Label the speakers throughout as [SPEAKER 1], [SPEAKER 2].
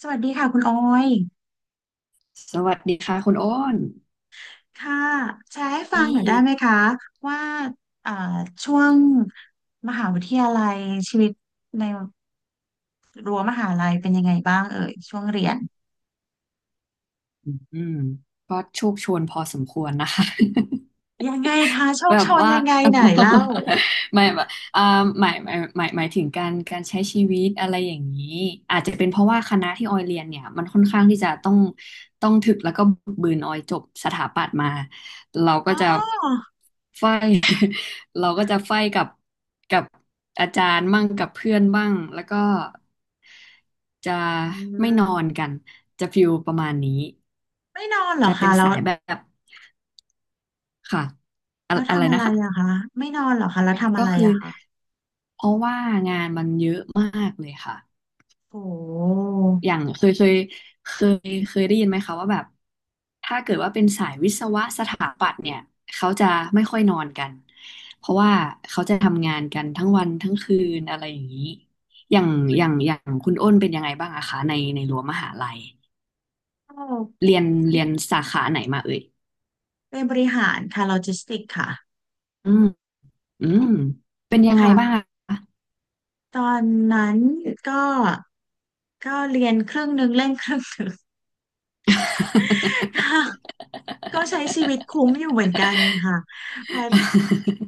[SPEAKER 1] สวัสดีค่ะคุณออย
[SPEAKER 2] สวัสดีค่ะคุณโอ้น
[SPEAKER 1] ค่ะแชร์ให้ฟัง
[SPEAKER 2] ดี
[SPEAKER 1] หน่อยได้ไหมคะว่าเอ่อช่วงมหาวิทยาลัยชีวิตในรั้วมหาลัยเป็นยังไงบ้างเอ่ยช่วงเรียน
[SPEAKER 2] อืมก็โชวนพอสมควรนะคะ
[SPEAKER 1] ยังไงคะโช
[SPEAKER 2] แบ
[SPEAKER 1] คช
[SPEAKER 2] บ
[SPEAKER 1] น
[SPEAKER 2] ว่า
[SPEAKER 1] ยังไงไหนเล่า
[SPEAKER 2] ไม่แบบอ่าหมายถึงการใช้ชีวิตอะไรอย่างนี้ อาจจะเป็นเพราะว่าคณะที่ออยเรียนเนี่ยมันค่อนข้างที่จะต้องถึกแล้วก็บึกบืนออยจบสถาปัตย์มา เราก็
[SPEAKER 1] อ๋
[SPEAKER 2] จะ
[SPEAKER 1] อ
[SPEAKER 2] ไฟ เราก็จะไฟกับอาจารย์บ้างกับเพื่อนบ้างแล้วก็จะ
[SPEAKER 1] อื
[SPEAKER 2] ไม่นอ
[SPEAKER 1] ม
[SPEAKER 2] นกันจะฟิลประมาณนี้
[SPEAKER 1] ไม่นอนเหรอ
[SPEAKER 2] จะเป็
[SPEAKER 1] คะ
[SPEAKER 2] น
[SPEAKER 1] แล้ว
[SPEAKER 2] สายแบบค่ะอะ
[SPEAKER 1] แล้ว
[SPEAKER 2] อะไร
[SPEAKER 1] ทำอะ
[SPEAKER 2] นะ
[SPEAKER 1] ไร
[SPEAKER 2] คะ
[SPEAKER 1] อะคะไม่นอนเหรอคะแล้วทำ
[SPEAKER 2] ก็
[SPEAKER 1] อะไร
[SPEAKER 2] คือ
[SPEAKER 1] อะคะ
[SPEAKER 2] เพราะว่างานมันเยอะมากเลยค่ะ
[SPEAKER 1] โอ้โห
[SPEAKER 2] อย่างเคเคยได้ยินไหมคะว่าแบบถ้าเกิดว่าเป็นสายวิศวะสถาปัตย์เนี่ยเขาจะไม่ค่อยนอนกันเพราะว่าเขาจะทำงานกันทั้งวันทั้งคืนอะไรอย่างนี้อย่างอย่างคุณอ้นเป็นยังไงบ้างอะคะในรั้วมหาลัย
[SPEAKER 1] โอ้
[SPEAKER 2] เรียนสาขาไหนมาเอ่ย
[SPEAKER 1] เป็นบริหารค่ะโลจิสติกค่ะ
[SPEAKER 2] อืมอืมเป็นยังไงบ้าง
[SPEAKER 1] ค่ะ
[SPEAKER 2] อะคะ
[SPEAKER 1] ตอนนั้นก็ก็เรียนครึ่งหนึ่งเล่นครึ่งหนึ่ง ค่ะก็ใช้ชีวิตคุ้มอยู่เหมือนกันค่ะเพอ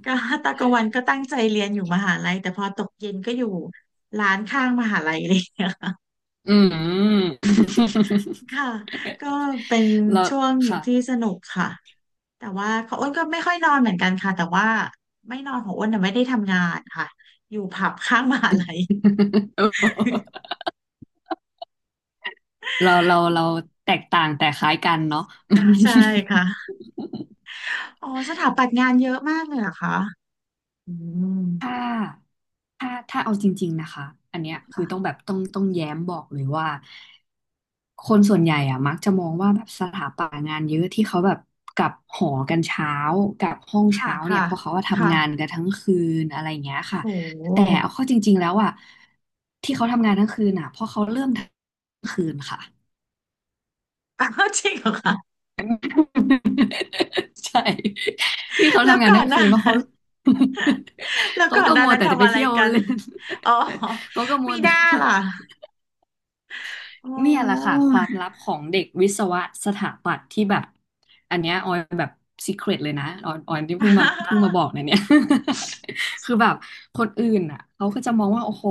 [SPEAKER 1] ก็ตอกลางวันก็ตั้งใจเรียนอยู่มหาลัยแต่พอตกเย็นก็อยู่ร้านข้างมหาลัย เลย
[SPEAKER 2] อืม
[SPEAKER 1] ค่ะก็เป็น
[SPEAKER 2] แล้ว
[SPEAKER 1] ช่วง
[SPEAKER 2] ค่ะ
[SPEAKER 1] ที่สนุกค่ะแต่ว่าของอ้นก็ไม่ค่อยนอนเหมือนกันค่ะแต่ว่าไม่นอนของอ้นน่ะไม่ได้ทำงานค่ะอยู่ผับข้างมหาลัย
[SPEAKER 2] เราแตกต่างแต่คล้ายกันเนาะ
[SPEAKER 1] อ่าใช่ ค่ะอ๋อสถาปัตย์งานเยอะมากเลยเหรอคะอืม
[SPEAKER 2] ถ้าถ้าเอาจริงๆนะคะอันเนี้ยคือ
[SPEAKER 1] ค่ะ
[SPEAKER 2] ต้องแบบต้องแย้มบอกเลยว่าคนส่วนใหญ่อะมักจะมองว่าแบบสถาปัตย์งานเยอะที่เขาแบบกลับหอกันเช้ากลับห้อง
[SPEAKER 1] ค่ะ
[SPEAKER 2] เช้าเนี่ยเพราะเขาว่าทำงาน
[SPEAKER 1] ค่ะ
[SPEAKER 2] กันทั้งคืนอะไรอย่างเงี้ย
[SPEAKER 1] โ
[SPEAKER 2] ค่ะแต่
[SPEAKER 1] ห
[SPEAKER 2] เอาเข้าจริงๆแล้วอะที่เขาทำงานทั้งคืนอะเพราะเขาเริ่มทั้งคืนค่ะ
[SPEAKER 1] อ้าวจริงเห รอคะ
[SPEAKER 2] ใช่ที่เขา
[SPEAKER 1] แล้ว
[SPEAKER 2] ทำงาน
[SPEAKER 1] ก่อ
[SPEAKER 2] ทั้
[SPEAKER 1] น
[SPEAKER 2] ง
[SPEAKER 1] ห
[SPEAKER 2] คื
[SPEAKER 1] น้า
[SPEAKER 2] นเพราะเขา
[SPEAKER 1] แล้ว
[SPEAKER 2] เขา
[SPEAKER 1] ก่อน
[SPEAKER 2] ก็
[SPEAKER 1] หน้า
[SPEAKER 2] มัว
[SPEAKER 1] นั้น
[SPEAKER 2] แต่จะ
[SPEAKER 1] ทำ
[SPEAKER 2] ไป
[SPEAKER 1] อะไร
[SPEAKER 2] เที่ยว
[SPEAKER 1] กัน
[SPEAKER 2] เล่น
[SPEAKER 1] อ๋อ
[SPEAKER 2] เขาก็มั
[SPEAKER 1] มี
[SPEAKER 2] ว
[SPEAKER 1] ห
[SPEAKER 2] แต่
[SPEAKER 1] น้าล่ะอ๋
[SPEAKER 2] เนี่ยแหละค่ะ
[SPEAKER 1] อ
[SPEAKER 2] ความลับของเด็กวิศวะสถาปัตย์ที่แบบอันเนี้ยออยแบบซีเครตเลยนะออยที่เพิ่งมาบอกเนี่ย คือแบบคนอื่นอ่ะเขาก็จะมองว่าโอ้โห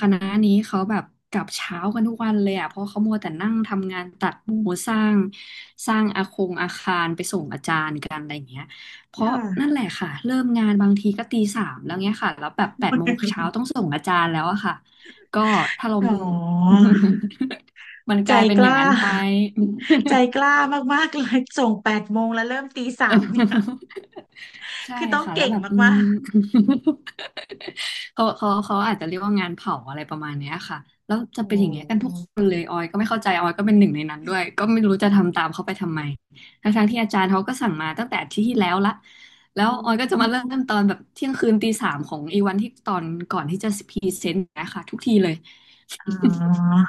[SPEAKER 2] คณะนี้เขาแบบกลับเช้ากันทุกวันเลยอ่ะเพราะเขามัวแต่นั่งทำงานตัดหมูสร้างสร้างอาคารไปส่งอาจารย์กันอะไรอย่างเงี้ยเพราะ
[SPEAKER 1] ค่ะ
[SPEAKER 2] นั่นแหละค่ะเริ่มงานบางทีก็ตีสามแล้วเงี้ยค่ะแล้วแบบแปดโมงเช้าต้องส่งอาจารย์แล้วอะค่ะก็ถ้าเรา
[SPEAKER 1] อ๋อ
[SPEAKER 2] มันก
[SPEAKER 1] ใจ
[SPEAKER 2] ลายเป็น
[SPEAKER 1] ก
[SPEAKER 2] อย่าง
[SPEAKER 1] ล้า
[SPEAKER 2] นั้นไป
[SPEAKER 1] ใจกล้ามากๆเลยส่งแปดโมงแล้วเริ่มตีสามเนี่ย
[SPEAKER 2] ใช่
[SPEAKER 1] คือต้อง
[SPEAKER 2] ค่ะแล้
[SPEAKER 1] เก่
[SPEAKER 2] ว
[SPEAKER 1] ง
[SPEAKER 2] แบบ
[SPEAKER 1] มาก
[SPEAKER 2] เขาอาจจะเรียกว่างานเผาอะไรประมาณเนี้ยค่ะแล้ว
[SPEAKER 1] ๆ
[SPEAKER 2] จะ
[SPEAKER 1] โอ้
[SPEAKER 2] เป็นอย่างเงี้ยกั
[SPEAKER 1] โห
[SPEAKER 2] นทุกคนเลยออยก็ไม่เข้าใจออยก็เป็นหนึ่งในนั้นด้วยก็ไม่รู้จะทำตามเขาไปทำไมทั้งๆที่อาจารย์เขาก็สั่งมาตั้งแต่อาทิตย์ที่แล้วละแล้วออยก็จะมาเริ่มตอนแบบเที่ยงคืนตีสามของอีวันที่ตอนก่อนที่จะพรีเซนต์นะคะทุกทีเลย
[SPEAKER 1] อ๋อ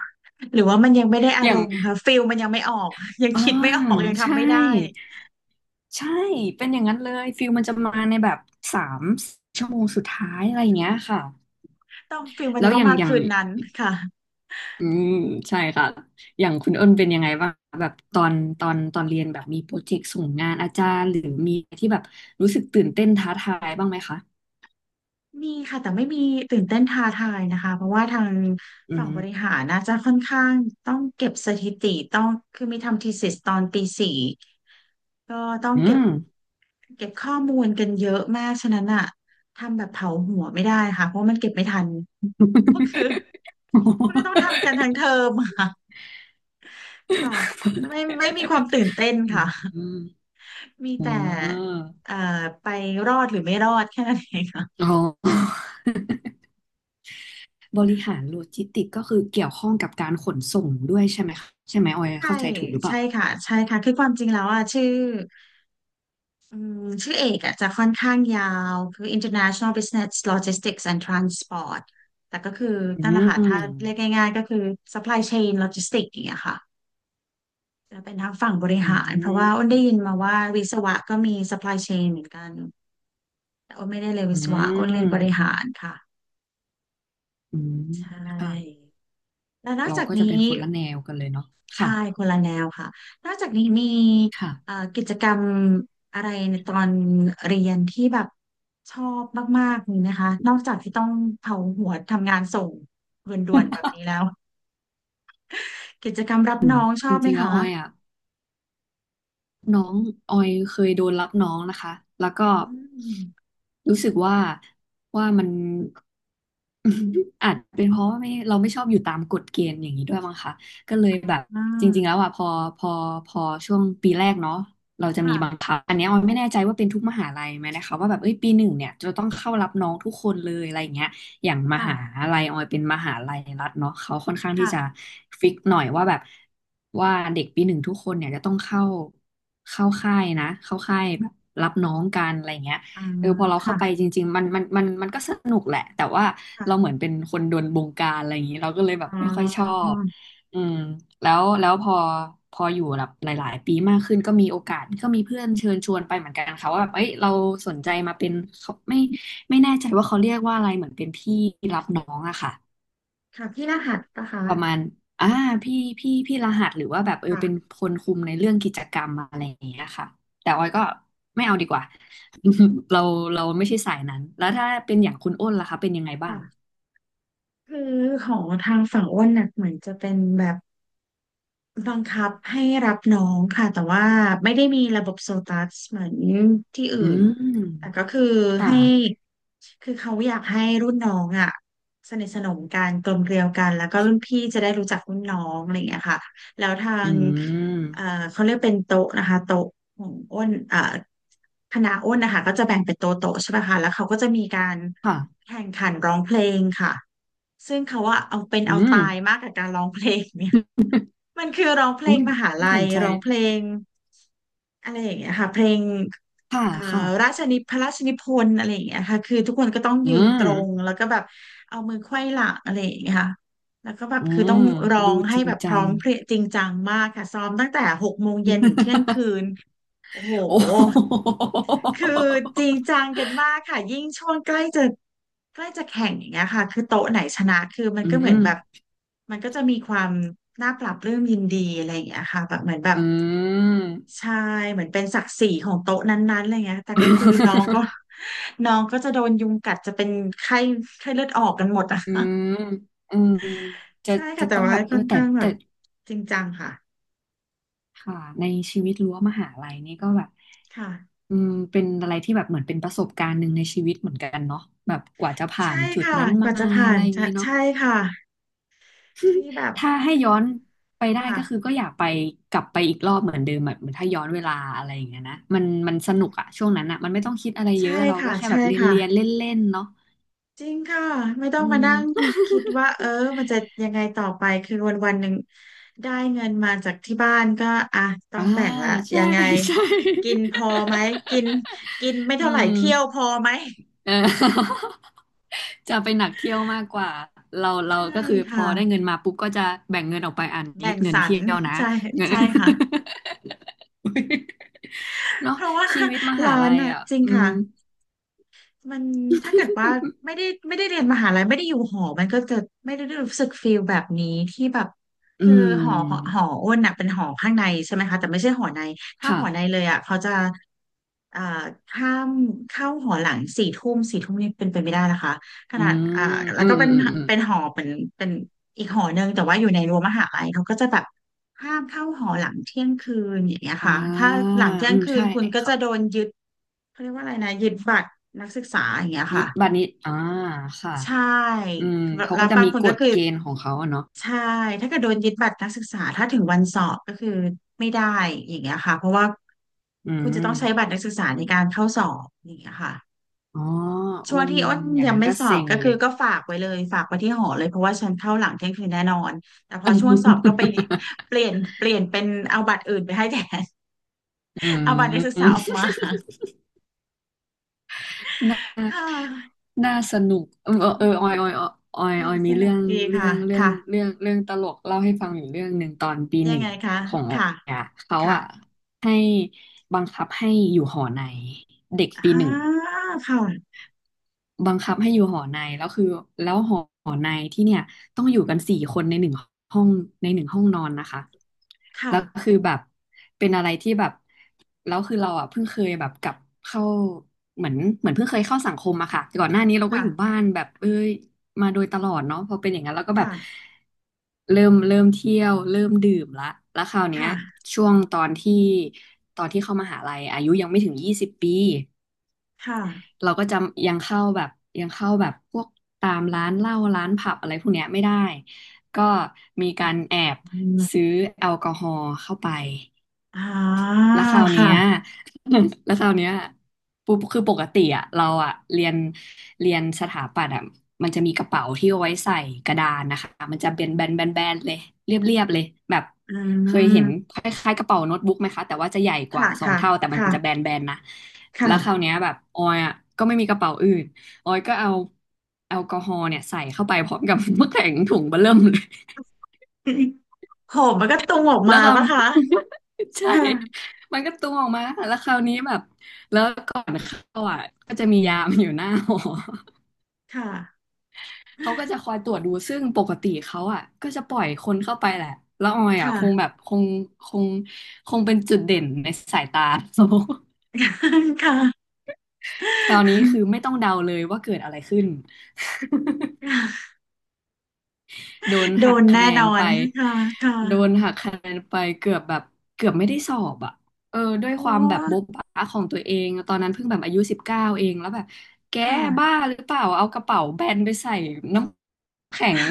[SPEAKER 1] หรือว่ามันยังไม่ได้ อา
[SPEAKER 2] อ
[SPEAKER 1] ร
[SPEAKER 2] ย่าง
[SPEAKER 1] มณ์ค่ะฟิลมันยังไม่ออกยัง
[SPEAKER 2] อ่า
[SPEAKER 1] คิดไม่ออกยังทำ
[SPEAKER 2] ใช่
[SPEAKER 1] ไม่ได้
[SPEAKER 2] ใช่เป็นอย่างนั้นเลย ฟิลมันจะมาในแบบสามชั่วโมงสุดท้ายอะไรอย่างเงี้ยค่ะ
[SPEAKER 1] ต้องฟิลมัน
[SPEAKER 2] แล้
[SPEAKER 1] จะ
[SPEAKER 2] ว
[SPEAKER 1] ต้
[SPEAKER 2] อ
[SPEAKER 1] อง
[SPEAKER 2] ย่าง
[SPEAKER 1] มาคืนนั้นค่ะ
[SPEAKER 2] อืมใช่ค่ะ อย่างคุณอ้นเป็นยังไงบ้างแบบตอนเรียนแบบมีโปรเจกต์ส่งงานอาจารย์หรือมีที่แบบรู้สึกตื่นเต้นท้าทายบ้างไหมคะ
[SPEAKER 1] มีค่ะแต่ไม่มีตื่นเต้นท้าทายนะคะเพราะว่าทาง
[SPEAKER 2] อื
[SPEAKER 1] ฝั่งบริ
[SPEAKER 2] ม
[SPEAKER 1] หารน่าจะค่อนข้างต้องเก็บสถิติต้องคือมีทำ thesis ตอนปีสี่ก็ต้อง
[SPEAKER 2] อื
[SPEAKER 1] เก็บ
[SPEAKER 2] ม
[SPEAKER 1] เก็บข้อมูลกันเยอะมากฉะนั้นอะทำแบบเผาหัวไม่ได้ค่ะเพราะมันเก็บไม่ทันก็คือมันก็ต้องทำกันทั้งเทอ มค่ะค่ะไม่มีความตื่นเต้น
[SPEAKER 2] อื
[SPEAKER 1] ค่ะ
[SPEAKER 2] ม
[SPEAKER 1] มี
[SPEAKER 2] อื
[SPEAKER 1] แต่
[SPEAKER 2] ม
[SPEAKER 1] เอ่อไปรอดหรือไม่รอดแค่นั้นเอง
[SPEAKER 2] อ๋อ บริหารโลจิสติกก็คือเกี่ยวข้องกับการขนส่งด้วยใช่ไหมคะใช่ไหมออย
[SPEAKER 1] ใช่
[SPEAKER 2] เข้าใจถูกหรือเป
[SPEAKER 1] ใช่
[SPEAKER 2] ล่า
[SPEAKER 1] ค่ะใช่ค่ะคือความจริงแล้วอ่ะอืมชื่อเอกอ่ะจะค่อนข้างยาวคือ International Business Logistics and Transport แต่ก็คือ
[SPEAKER 2] อื
[SPEAKER 1] นั่นแหละค่ะถ้าเรียก
[SPEAKER 2] ม
[SPEAKER 1] ง่ายๆก็คือ Supply Chain Logistics อย่างเงี้ยค่ะจะเป็นทางฝั่งบริ
[SPEAKER 2] อื
[SPEAKER 1] หารเพราะว่าอ้น
[SPEAKER 2] ม
[SPEAKER 1] ได้ยินมาว่าวิศวะก็มี Supply Chain เหมือนกันแต่อ้นไม่ได้เรียน
[SPEAKER 2] อื
[SPEAKER 1] วิศวะอ้นเรียนบริ
[SPEAKER 2] ม
[SPEAKER 1] หารค่ะ
[SPEAKER 2] อืม
[SPEAKER 1] ใช
[SPEAKER 2] ค่ะ
[SPEAKER 1] ่แล้วนอก
[SPEAKER 2] เรา
[SPEAKER 1] จาก
[SPEAKER 2] ก็จะเป็
[SPEAKER 1] นี้
[SPEAKER 2] นคนละแนวกันเลยเนาะ
[SPEAKER 1] ใช่
[SPEAKER 2] ค่ะ
[SPEAKER 1] คนละแนวค่ะ นอกจากนี้มี
[SPEAKER 2] ค่ะ
[SPEAKER 1] กิจกรรมอะไรในตอนเรียนที่แบบชอบมากๆมีไหะคะนอกจากที่ต้องเผาหัวทำงานส่งด่วนๆแบบนี้แล้วกิจกรรมรับน้องช
[SPEAKER 2] จ
[SPEAKER 1] อบไหม
[SPEAKER 2] ริงๆแล้ว
[SPEAKER 1] คะ
[SPEAKER 2] ออยอ่ะน้องออยเคยโดนรับน้องนะคะแล้วก็
[SPEAKER 1] อืม
[SPEAKER 2] รู้สึกว่ามัน อาจเป็นเพราะว่าไม่เราไม่ชอบอยู่ตามกฎเกณฑ์อย่างนี้ด้วยมั้งคะก็เลยแบบ
[SPEAKER 1] อ่
[SPEAKER 2] จริงๆแล้ว
[SPEAKER 1] า
[SPEAKER 2] อ่ะพอพอช่วงปีแรกเนาะเราจะมีบัง
[SPEAKER 1] ค่ะ
[SPEAKER 2] คับอันเนี้ยออยไม่แน่ใจว่าเป็นทุกมหาลัยไหมนะคะว่าแบบเอ้ยปีหนึ่งเนี่ยจะต้องเข้ารับน้องทุกคนเลยอะไรอย่างเงี้ยอย่างม
[SPEAKER 1] ค่ะ
[SPEAKER 2] หาลัยออยเป็นมหาลัยรัฐเนาะเขาค่อนข้างที่
[SPEAKER 1] ค่ะ
[SPEAKER 2] จะฟิกหน่อยว่าแบบว่าเด็กปีหนึ่งทุกคนเนี่ยจะต้องเข้าค่ายนะเข้าค่ายแบบรับน้องกันอะไรอย่างเงี้ย
[SPEAKER 1] อ่า
[SPEAKER 2] เออพอเราเข้าไป
[SPEAKER 1] ค่ะ
[SPEAKER 2] จริงๆมันก็สนุกแหละแต่ว่าเราเหมือ
[SPEAKER 1] ค่ะ
[SPEAKER 2] นเป็นคนโดนบงการอะไรอย่างนี้เราก็เลยแบบ
[SPEAKER 1] อ๋อ
[SPEAKER 2] ไม่ค่อยชอบอืมแล้วพอพออยู่แบบหลายๆปีมากขึ้นก็มีโอกาสก็มีเพื่อนเชิญชวนไปเหมือนกันค่ะว่าแบบเอ้ยเราสนใจมาเป็นเขาไม่แน่ใจว่าเขาเรียกว่าอะไรเหมือนเป็นพี่รับน้องอะค่ะ
[SPEAKER 1] ค่ะพี่รหัสปะคะ
[SPEAKER 2] ประมาณอ่าพี่พี่รหัสหรือว่าแบบเออเป็น
[SPEAKER 1] ค่ะ
[SPEAKER 2] คนคุมในเรื่องกิจกรรมอะไรอย่างเงี้ยค่ะแต่ออยก็ไม่เอาดีกว่า เราเราไม่ใช่สายนั้นแล้วถ้าเป็นอย่างคุณอ้นล่ะคะเป็นยังไงบ้าง
[SPEAKER 1] ค่ะคือของทางฝั่งอ้นน่ะเหมือนจะเป็นแบบ บังคับให้รับน้องค่ะแต่ว่าไม่ได้มีระบบโซตัสเหมือนที่อื่
[SPEAKER 2] อื
[SPEAKER 1] น
[SPEAKER 2] ม
[SPEAKER 1] แต่ก็คือ
[SPEAKER 2] ค่ะ
[SPEAKER 1] ให้คือเขาอยากให้รุ่นน้องอ่ะสนิทสนมกันกลมเกลียวกันแล้วก็รุ่นพี่จะได้รู้จักรุ่นน้องอะไรอย่างเงี้ยค่ะแล้วทา
[SPEAKER 2] อื
[SPEAKER 1] งเอ่อ
[SPEAKER 2] ม
[SPEAKER 1] เขาเรียกเป็นโต๊ะนะคะโต๊ะของอ้นคณะอ้นนะคะก็จะแบ่งเป็นโต๊ะโต๊ะใช่ไหมคะแล้วเขาก็จะมีการ
[SPEAKER 2] ค่ะ
[SPEAKER 1] แข่งขันร้องเพลงค่ะซึ่งเขาว่าเอาเป็น
[SPEAKER 2] อื
[SPEAKER 1] เอา
[SPEAKER 2] ม
[SPEAKER 1] ตายมากกับการร้องเพลงเนี่ย มันคือร้องเพล
[SPEAKER 2] อุ้
[SPEAKER 1] ง
[SPEAKER 2] ย
[SPEAKER 1] มหา
[SPEAKER 2] น่า
[SPEAKER 1] ลั
[SPEAKER 2] ส
[SPEAKER 1] ย
[SPEAKER 2] นใจ
[SPEAKER 1] ร้องเพลงอะไรอย่างเงี้ยค่ะเพลง
[SPEAKER 2] ค่ะ
[SPEAKER 1] เอ่อ
[SPEAKER 2] ค่ะ
[SPEAKER 1] ราชนิพระราชนิพนธ์อะไรอย่างเงี้ยค่ะคือทุกคนก็ต้อง
[SPEAKER 2] อื
[SPEAKER 1] ยืนต
[SPEAKER 2] ม
[SPEAKER 1] รงแล้วก็แบบเอามือไขว้หลังอะไรอย่างเงี้ยค่ะแล้วก็แบบ
[SPEAKER 2] อื
[SPEAKER 1] คือต้อ
[SPEAKER 2] ม
[SPEAKER 1] งร้อ
[SPEAKER 2] ดู
[SPEAKER 1] งให้
[SPEAKER 2] จริง
[SPEAKER 1] แบบพ
[SPEAKER 2] จั
[SPEAKER 1] ร้อ
[SPEAKER 2] ง
[SPEAKER 1] มเพรียงจริงจังมากค่ะซ้อมตั้งแต่หกโมงเย็นถึงเที่ยงคืน โอ้โห
[SPEAKER 2] โอ้โห
[SPEAKER 1] คือจริงจังกันมากค่ะยิ่งช่วงใกล้จะแข่งอย่างเงี้ยค่ะคือโต๊ะไหนชนะคือมัน
[SPEAKER 2] อื
[SPEAKER 1] ก็เหมือนแบบ
[SPEAKER 2] ม
[SPEAKER 1] มันก็จะมีความน่าปรับปลื้มยินดีอะไรอย่างเงี้ยค่ะแบบเหมือนแบบ
[SPEAKER 2] อืม
[SPEAKER 1] ใช่เหมือนเป็นศักดิ์ศรีของโต๊ะนั้นๆอะไรเงี้ยแต่ก็คือน้องก็ น้องก็จะโดนยุงกัดจะเป็นไข้ไข้เลือดออกกันหมดอะ
[SPEAKER 2] อื
[SPEAKER 1] ่ะ
[SPEAKER 2] มอืม จะ
[SPEAKER 1] ใช่ค่ะ
[SPEAKER 2] จะ
[SPEAKER 1] แต่
[SPEAKER 2] ต้อง
[SPEAKER 1] ว่า
[SPEAKER 2] แบบเอ
[SPEAKER 1] ค่
[SPEAKER 2] อ
[SPEAKER 1] อน
[SPEAKER 2] แต่
[SPEAKER 1] ข้างแบ
[SPEAKER 2] แต่
[SPEAKER 1] บจริงจังค่ะ
[SPEAKER 2] ค่ะในชีวิตรั้วมหาลัยนี่ก็แบบ
[SPEAKER 1] ค่ะ
[SPEAKER 2] อืมเป็นอะไรที่แบบเหมือนเป็นประสบการณ์หนึ่งในชีวิตเหมือนกันเนาะแบบกว่าจะผ่า
[SPEAKER 1] ใช่
[SPEAKER 2] นจุด
[SPEAKER 1] ค่ะ
[SPEAKER 2] นั้น
[SPEAKER 1] ก
[SPEAKER 2] มา
[SPEAKER 1] ว่าจะผ่า
[SPEAKER 2] อะไร
[SPEAKER 1] น
[SPEAKER 2] อย่าง
[SPEAKER 1] ใช่
[SPEAKER 2] นี้เนาะ
[SPEAKER 1] ใช่ค่ะที่แบบ
[SPEAKER 2] ถ้าให้
[SPEAKER 1] ค
[SPEAKER 2] ย้อน
[SPEAKER 1] อ
[SPEAKER 2] ไปได้ก็คือ
[SPEAKER 1] ค่ะ
[SPEAKER 2] ก็อยากไปกลับไปอีกรอบเหมือนเดิมแบบเหมือนถ้าย้อนเวลาอะไรอย่างเงี้ยนะมันสนุกอะช่วงนั้นอะมันไม่ต้องคิดอะไรเย
[SPEAKER 1] ใช่
[SPEAKER 2] อะเราก็
[SPEAKER 1] ค่ะ
[SPEAKER 2] แค่แบ
[SPEAKER 1] ใช่
[SPEAKER 2] บเรียน
[SPEAKER 1] ค่ะ
[SPEAKER 2] เรียนเล่นเล่นๆเนาะ
[SPEAKER 1] จริงค่ะไม่ต้อง
[SPEAKER 2] อื
[SPEAKER 1] มา
[SPEAKER 2] ม
[SPEAKER 1] นั่งคิดว่าเออมันจะยังไงต่อไปคือวันวันหนึ่งได้เงินมาจากที่บ้านก็อ่ะต้อ
[SPEAKER 2] อ่า
[SPEAKER 1] งแบ่งละ
[SPEAKER 2] ใช่
[SPEAKER 1] ยังไง
[SPEAKER 2] ใช่
[SPEAKER 1] กินพอไหมกิน กินไม่
[SPEAKER 2] อื
[SPEAKER 1] เท่าไหร่
[SPEAKER 2] ม
[SPEAKER 1] เที่ยวพอไหม
[SPEAKER 2] เออ จะไปหนักเที่ยวมากกว่าเรา
[SPEAKER 1] ใช่
[SPEAKER 2] ก็คือพอ
[SPEAKER 1] ค่ะ
[SPEAKER 2] ได้เงินมาปุ๊บก็จะแบ่งเงินออกไปอันนี้
[SPEAKER 1] แบ่ง
[SPEAKER 2] เงิ
[SPEAKER 1] ส
[SPEAKER 2] น
[SPEAKER 1] รร
[SPEAKER 2] เที่ยวนะ
[SPEAKER 1] ใช่
[SPEAKER 2] เงิน
[SPEAKER 1] ใช่ค่ะ
[SPEAKER 2] เนาะ
[SPEAKER 1] เพราะว่า
[SPEAKER 2] ชีวิ ตมหา
[SPEAKER 1] ร้า
[SPEAKER 2] ลั
[SPEAKER 1] น
[SPEAKER 2] ย
[SPEAKER 1] อ่ะ
[SPEAKER 2] อ่ะ
[SPEAKER 1] จริง
[SPEAKER 2] อื
[SPEAKER 1] ค่ะ
[SPEAKER 2] ม
[SPEAKER 1] มันถ้าเกิดว่าไม่ได้เรียนมหาลัยไม่ได้อยู่หอมันก็จะไม่ได้รู้สึกฟีลแบบนี้ที่แบบ
[SPEAKER 2] อื
[SPEAKER 1] คือหอหอห
[SPEAKER 2] ม
[SPEAKER 1] ออ้นน่ะเป็นหอข้างในใช่ไหมคะแต่ไม่ใช่หอในถ้าห
[SPEAKER 2] ค่ะ
[SPEAKER 1] อในเลยอ่ะเขาจะอ่าข้ามเข้าหอหลังสี่ทุ่มสี่ทุ่มนี่เป็นไปไม่ได้นะคะข
[SPEAKER 2] อื
[SPEAKER 1] นาดอ่า
[SPEAKER 2] ม
[SPEAKER 1] แล้
[SPEAKER 2] อื
[SPEAKER 1] ว
[SPEAKER 2] ม
[SPEAKER 1] ก็
[SPEAKER 2] อืมอืมอม
[SPEAKER 1] เป็นหอเป็นเป็นอีกหอหนึ่งแต่ว่าอยู่ในรั้วมหาลัยเขาก็จะแบบ ห้ามเข้าหอหลังเที่ยงคืนอย่างเงี้ย
[SPEAKER 2] อ่
[SPEAKER 1] ค่ะถ้า
[SPEAKER 2] า
[SPEAKER 1] หลังเที่ย
[SPEAKER 2] อื
[SPEAKER 1] ง
[SPEAKER 2] ม
[SPEAKER 1] คืน
[SPEAKER 2] ใช่
[SPEAKER 1] คุณก็
[SPEAKER 2] ครั
[SPEAKER 1] จะ
[SPEAKER 2] บ
[SPEAKER 1] โดนยึดเขาเรียกว่าอะไรนะยึดบัตรนักศึกษาอย่างเงี้ย
[SPEAKER 2] ยึ
[SPEAKER 1] ค่ะ
[SPEAKER 2] ดบัตรนี้อ่าค่ะ
[SPEAKER 1] ใช่
[SPEAKER 2] อืมเขา
[SPEAKER 1] แล้
[SPEAKER 2] ก็
[SPEAKER 1] ว
[SPEAKER 2] จะ
[SPEAKER 1] บาง
[SPEAKER 2] มี
[SPEAKER 1] คน
[SPEAKER 2] ก
[SPEAKER 1] ก็
[SPEAKER 2] ฎ
[SPEAKER 1] คือ
[SPEAKER 2] เกณฑ์ของเขาอะเนาะ
[SPEAKER 1] ใช่ถ้าเกิดโดนยึดบัตรนักศึกษาถ้าถึงวันสอบก็คือไม่ได้อย่างเงี้ยค่ะเพราะว่า
[SPEAKER 2] อื
[SPEAKER 1] คุณจะต้องใช้บั
[SPEAKER 2] ม
[SPEAKER 1] ตรนักศึกษาในการเข้าสอบอย่างเงี้ยค่ะ
[SPEAKER 2] อ๋ออื
[SPEAKER 1] ช่วงที่
[SPEAKER 2] ม
[SPEAKER 1] อ้น
[SPEAKER 2] อย่าง
[SPEAKER 1] ยัง
[SPEAKER 2] นั้น
[SPEAKER 1] ไม่
[SPEAKER 2] ก็
[SPEAKER 1] สอ
[SPEAKER 2] เซ็
[SPEAKER 1] บ
[SPEAKER 2] ง
[SPEAKER 1] ก็
[SPEAKER 2] เล
[SPEAKER 1] คือ
[SPEAKER 2] ย
[SPEAKER 1] ก็ฝากไว้เลยฝากไว้ที่หอเลยเพราะว่าฉันเข้าหลังเที่ยงคืนแน่นอนแต่พอช่วงสอบก็ไป เปลี่ยนเป็นเอาบัตรอื่นไปให้แทน
[SPEAKER 2] อื
[SPEAKER 1] เอาบัตรนักศึกษา
[SPEAKER 2] ม
[SPEAKER 1] ออกมา
[SPEAKER 2] น่า
[SPEAKER 1] ค่ะ
[SPEAKER 2] น่าสนุกเออเออออยออยออยออย
[SPEAKER 1] อื
[SPEAKER 2] ออ
[SPEAKER 1] ม
[SPEAKER 2] ย
[SPEAKER 1] ส
[SPEAKER 2] มี
[SPEAKER 1] นุ
[SPEAKER 2] เรื่อ
[SPEAKER 1] ก
[SPEAKER 2] ง
[SPEAKER 1] ดี
[SPEAKER 2] เรื่
[SPEAKER 1] ค่ะ
[SPEAKER 2] องเรื่อง
[SPEAKER 1] ค่ะ
[SPEAKER 2] เรื่องเรื่องตลกเล่าให้ฟังอยู่เรื่องหนึ่งตอนปี
[SPEAKER 1] ยั
[SPEAKER 2] ห
[SPEAKER 1] ง
[SPEAKER 2] นึ่
[SPEAKER 1] ไง
[SPEAKER 2] ง
[SPEAKER 1] คะ
[SPEAKER 2] ของออ
[SPEAKER 1] ค่ะ
[SPEAKER 2] ยอะเขาอะ
[SPEAKER 1] ค่ะ
[SPEAKER 2] ให้บังคับให้อยู่หอในเด็ก
[SPEAKER 1] อ่
[SPEAKER 2] ปีหนึ่ง
[SPEAKER 1] าค่ะ
[SPEAKER 2] บังคับให้อยู่หอในแล้วคือแล้วหอในที่เนี่ยต้องอยู่กันสี่คนในหนึ่งห้องในหนึ่งห้องนอนนะคะ
[SPEAKER 1] ค่ะ
[SPEAKER 2] แล้วคือแบบเป็นอะไรที่แบบแล้วคือเราอ่ะเพิ่งเคยแบบกลับเข้าเหมือนเหมือนเพิ่งเคยเข้าสังคมอะค่ะก่อนหน้านี้เราก็
[SPEAKER 1] ค่ะ
[SPEAKER 2] อยู่บ้านแบบเอ้ยมาโดยตลอดเนาะพอเป็นอย่างนั้นเราก็แบบ
[SPEAKER 1] ค่ะ
[SPEAKER 2] เริ่มเที่ยวเริ่มดื่มละแล้วคราวเนี้ย
[SPEAKER 1] ค่ะ
[SPEAKER 2] ช่วงตอนที่เข้ามหาลัยอายุยังไม่ถึง20 ปี
[SPEAKER 1] ค่ะ
[SPEAKER 2] เราก็จะยังเข้าแบบยังเข้าแบบพวกตามร้านเหล้าร้านผับอะไรพวกเนี้ยไม่ได้ก็มีการแอบ
[SPEAKER 1] อื
[SPEAKER 2] ซื้อ
[SPEAKER 1] ม
[SPEAKER 2] แอลกอฮอล์เข้าไป
[SPEAKER 1] อ่า
[SPEAKER 2] แล้วคราวเนี้ย
[SPEAKER 1] ค่ะ
[SPEAKER 2] แล้วคราวเนี้ยปุ๊บคือปกติอะเราอะเรียนสถาปัตย์อะมันจะมีกระเป๋าที่เอาไว้ใส่กระดานนะคะมันจะเป็นแบนแบนแบนเลย เรียบเรียบเลยแบบ
[SPEAKER 1] อื
[SPEAKER 2] เคยเห็น
[SPEAKER 1] ม
[SPEAKER 2] คล้ายๆกระเป๋าโน้ตบุ๊กไหมคะแต่ว่าจะใหญ่ก
[SPEAKER 1] ค่ะ
[SPEAKER 2] ว่าสอง
[SPEAKER 1] ค่ะ
[SPEAKER 2] เท่าแต่มัน
[SPEAKER 1] ค่ะ
[SPEAKER 2] จะแบนแบนนะแล้
[SPEAKER 1] ค่ะ
[SPEAKER 2] วคราวเนี้ยแบบออยอะก็ไม่มีกระเป๋าอื่นออยก็เอาแอลกอฮอล์เนี่ยใส่เข้าไปพร้อมกับ น้ำแข็งถุงเบ้อเริ่มเลย
[SPEAKER 1] โหมันก็ตุงออก
[SPEAKER 2] แล้ว
[SPEAKER 1] มา
[SPEAKER 2] คราว
[SPEAKER 1] ปะคะ
[SPEAKER 2] ใช่
[SPEAKER 1] ค่ะ
[SPEAKER 2] มันก็ตูมออกมาแล้วคราวนี้แบบแล้วก่อนเข้าอ่ะก็จะมียามอยู่หน้าหอ
[SPEAKER 1] ค่ะ
[SPEAKER 2] เขาก็จะคอยตรวจดูซึ่งปกติเขาอ่ะก็จะปล่อยคนเข้าไปแหละแล้วออยอ่ะคงแบ
[SPEAKER 1] ค่ะ
[SPEAKER 2] บคงคงเป็นจุดเด่นในสายตา
[SPEAKER 1] ค่ะ
[SPEAKER 2] คราวนี้คือไม่ต้องเดาเลยว่าเกิดอะไรขึ้น โดน
[SPEAKER 1] โด
[SPEAKER 2] หัก
[SPEAKER 1] น
[SPEAKER 2] คะ
[SPEAKER 1] แน่
[SPEAKER 2] แน
[SPEAKER 1] น
[SPEAKER 2] น
[SPEAKER 1] อน
[SPEAKER 2] ไป
[SPEAKER 1] ค่ะค
[SPEAKER 2] โดน
[SPEAKER 1] ่ะ
[SPEAKER 2] หักคะแนนไปเกือบแบบเกือบไม่ได้สอบอ่ะเออด้
[SPEAKER 1] โอ้
[SPEAKER 2] วยความแบบโบ๊ะบ๊ะของตัวเองตอนนั้นเพิ่งแบบอายุ19เองแล้วแบบแก
[SPEAKER 1] ค่ะ
[SPEAKER 2] บ้าหรือเปล่าเอากระเป๋าแบนไปใส่น้ำแข็ง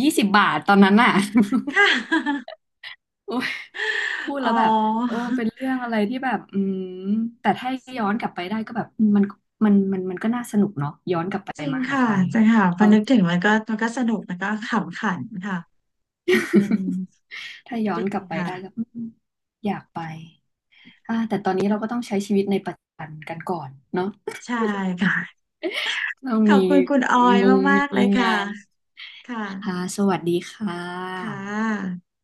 [SPEAKER 2] 20 บาทตอนนั้นอ่ะ
[SPEAKER 1] ค่ะ
[SPEAKER 2] โอ้ยพูด
[SPEAKER 1] อ๋อ
[SPEAKER 2] แล้วแบบโอ้เป็นเรื่องอะไรที่แบบอืมแต่ถ้าย้อนกลับไปได้ก็แบบมันมันก็น่าสนุกเนาะย้อนกลับไป
[SPEAKER 1] จริง
[SPEAKER 2] มหา
[SPEAKER 1] ค่ะ
[SPEAKER 2] ลัย
[SPEAKER 1] จริงค่ะพอนึกถึงมันก็มันก็สนุกแล้วก็ขำขันค่ะเป็น
[SPEAKER 2] ถ้าย้อ
[SPEAKER 1] ดี
[SPEAKER 2] นกลับไป
[SPEAKER 1] ค่ะ
[SPEAKER 2] ได้ก็อืมอยากไปอ่าแต่ตอนนี้เราก็ต้องใช้ชีวิตในปัจจุบันกันก่อนเนาะ
[SPEAKER 1] ใช่ค่ะ
[SPEAKER 2] ต้อง
[SPEAKER 1] ขอบ
[SPEAKER 2] มี
[SPEAKER 1] คุณคุณออย
[SPEAKER 2] งง
[SPEAKER 1] มากๆเล
[SPEAKER 2] มี
[SPEAKER 1] ยค่ะ
[SPEAKER 2] งาน
[SPEAKER 1] ค่ะ
[SPEAKER 2] ค่ะสวัสดีค่ะ
[SPEAKER 1] ค่ะ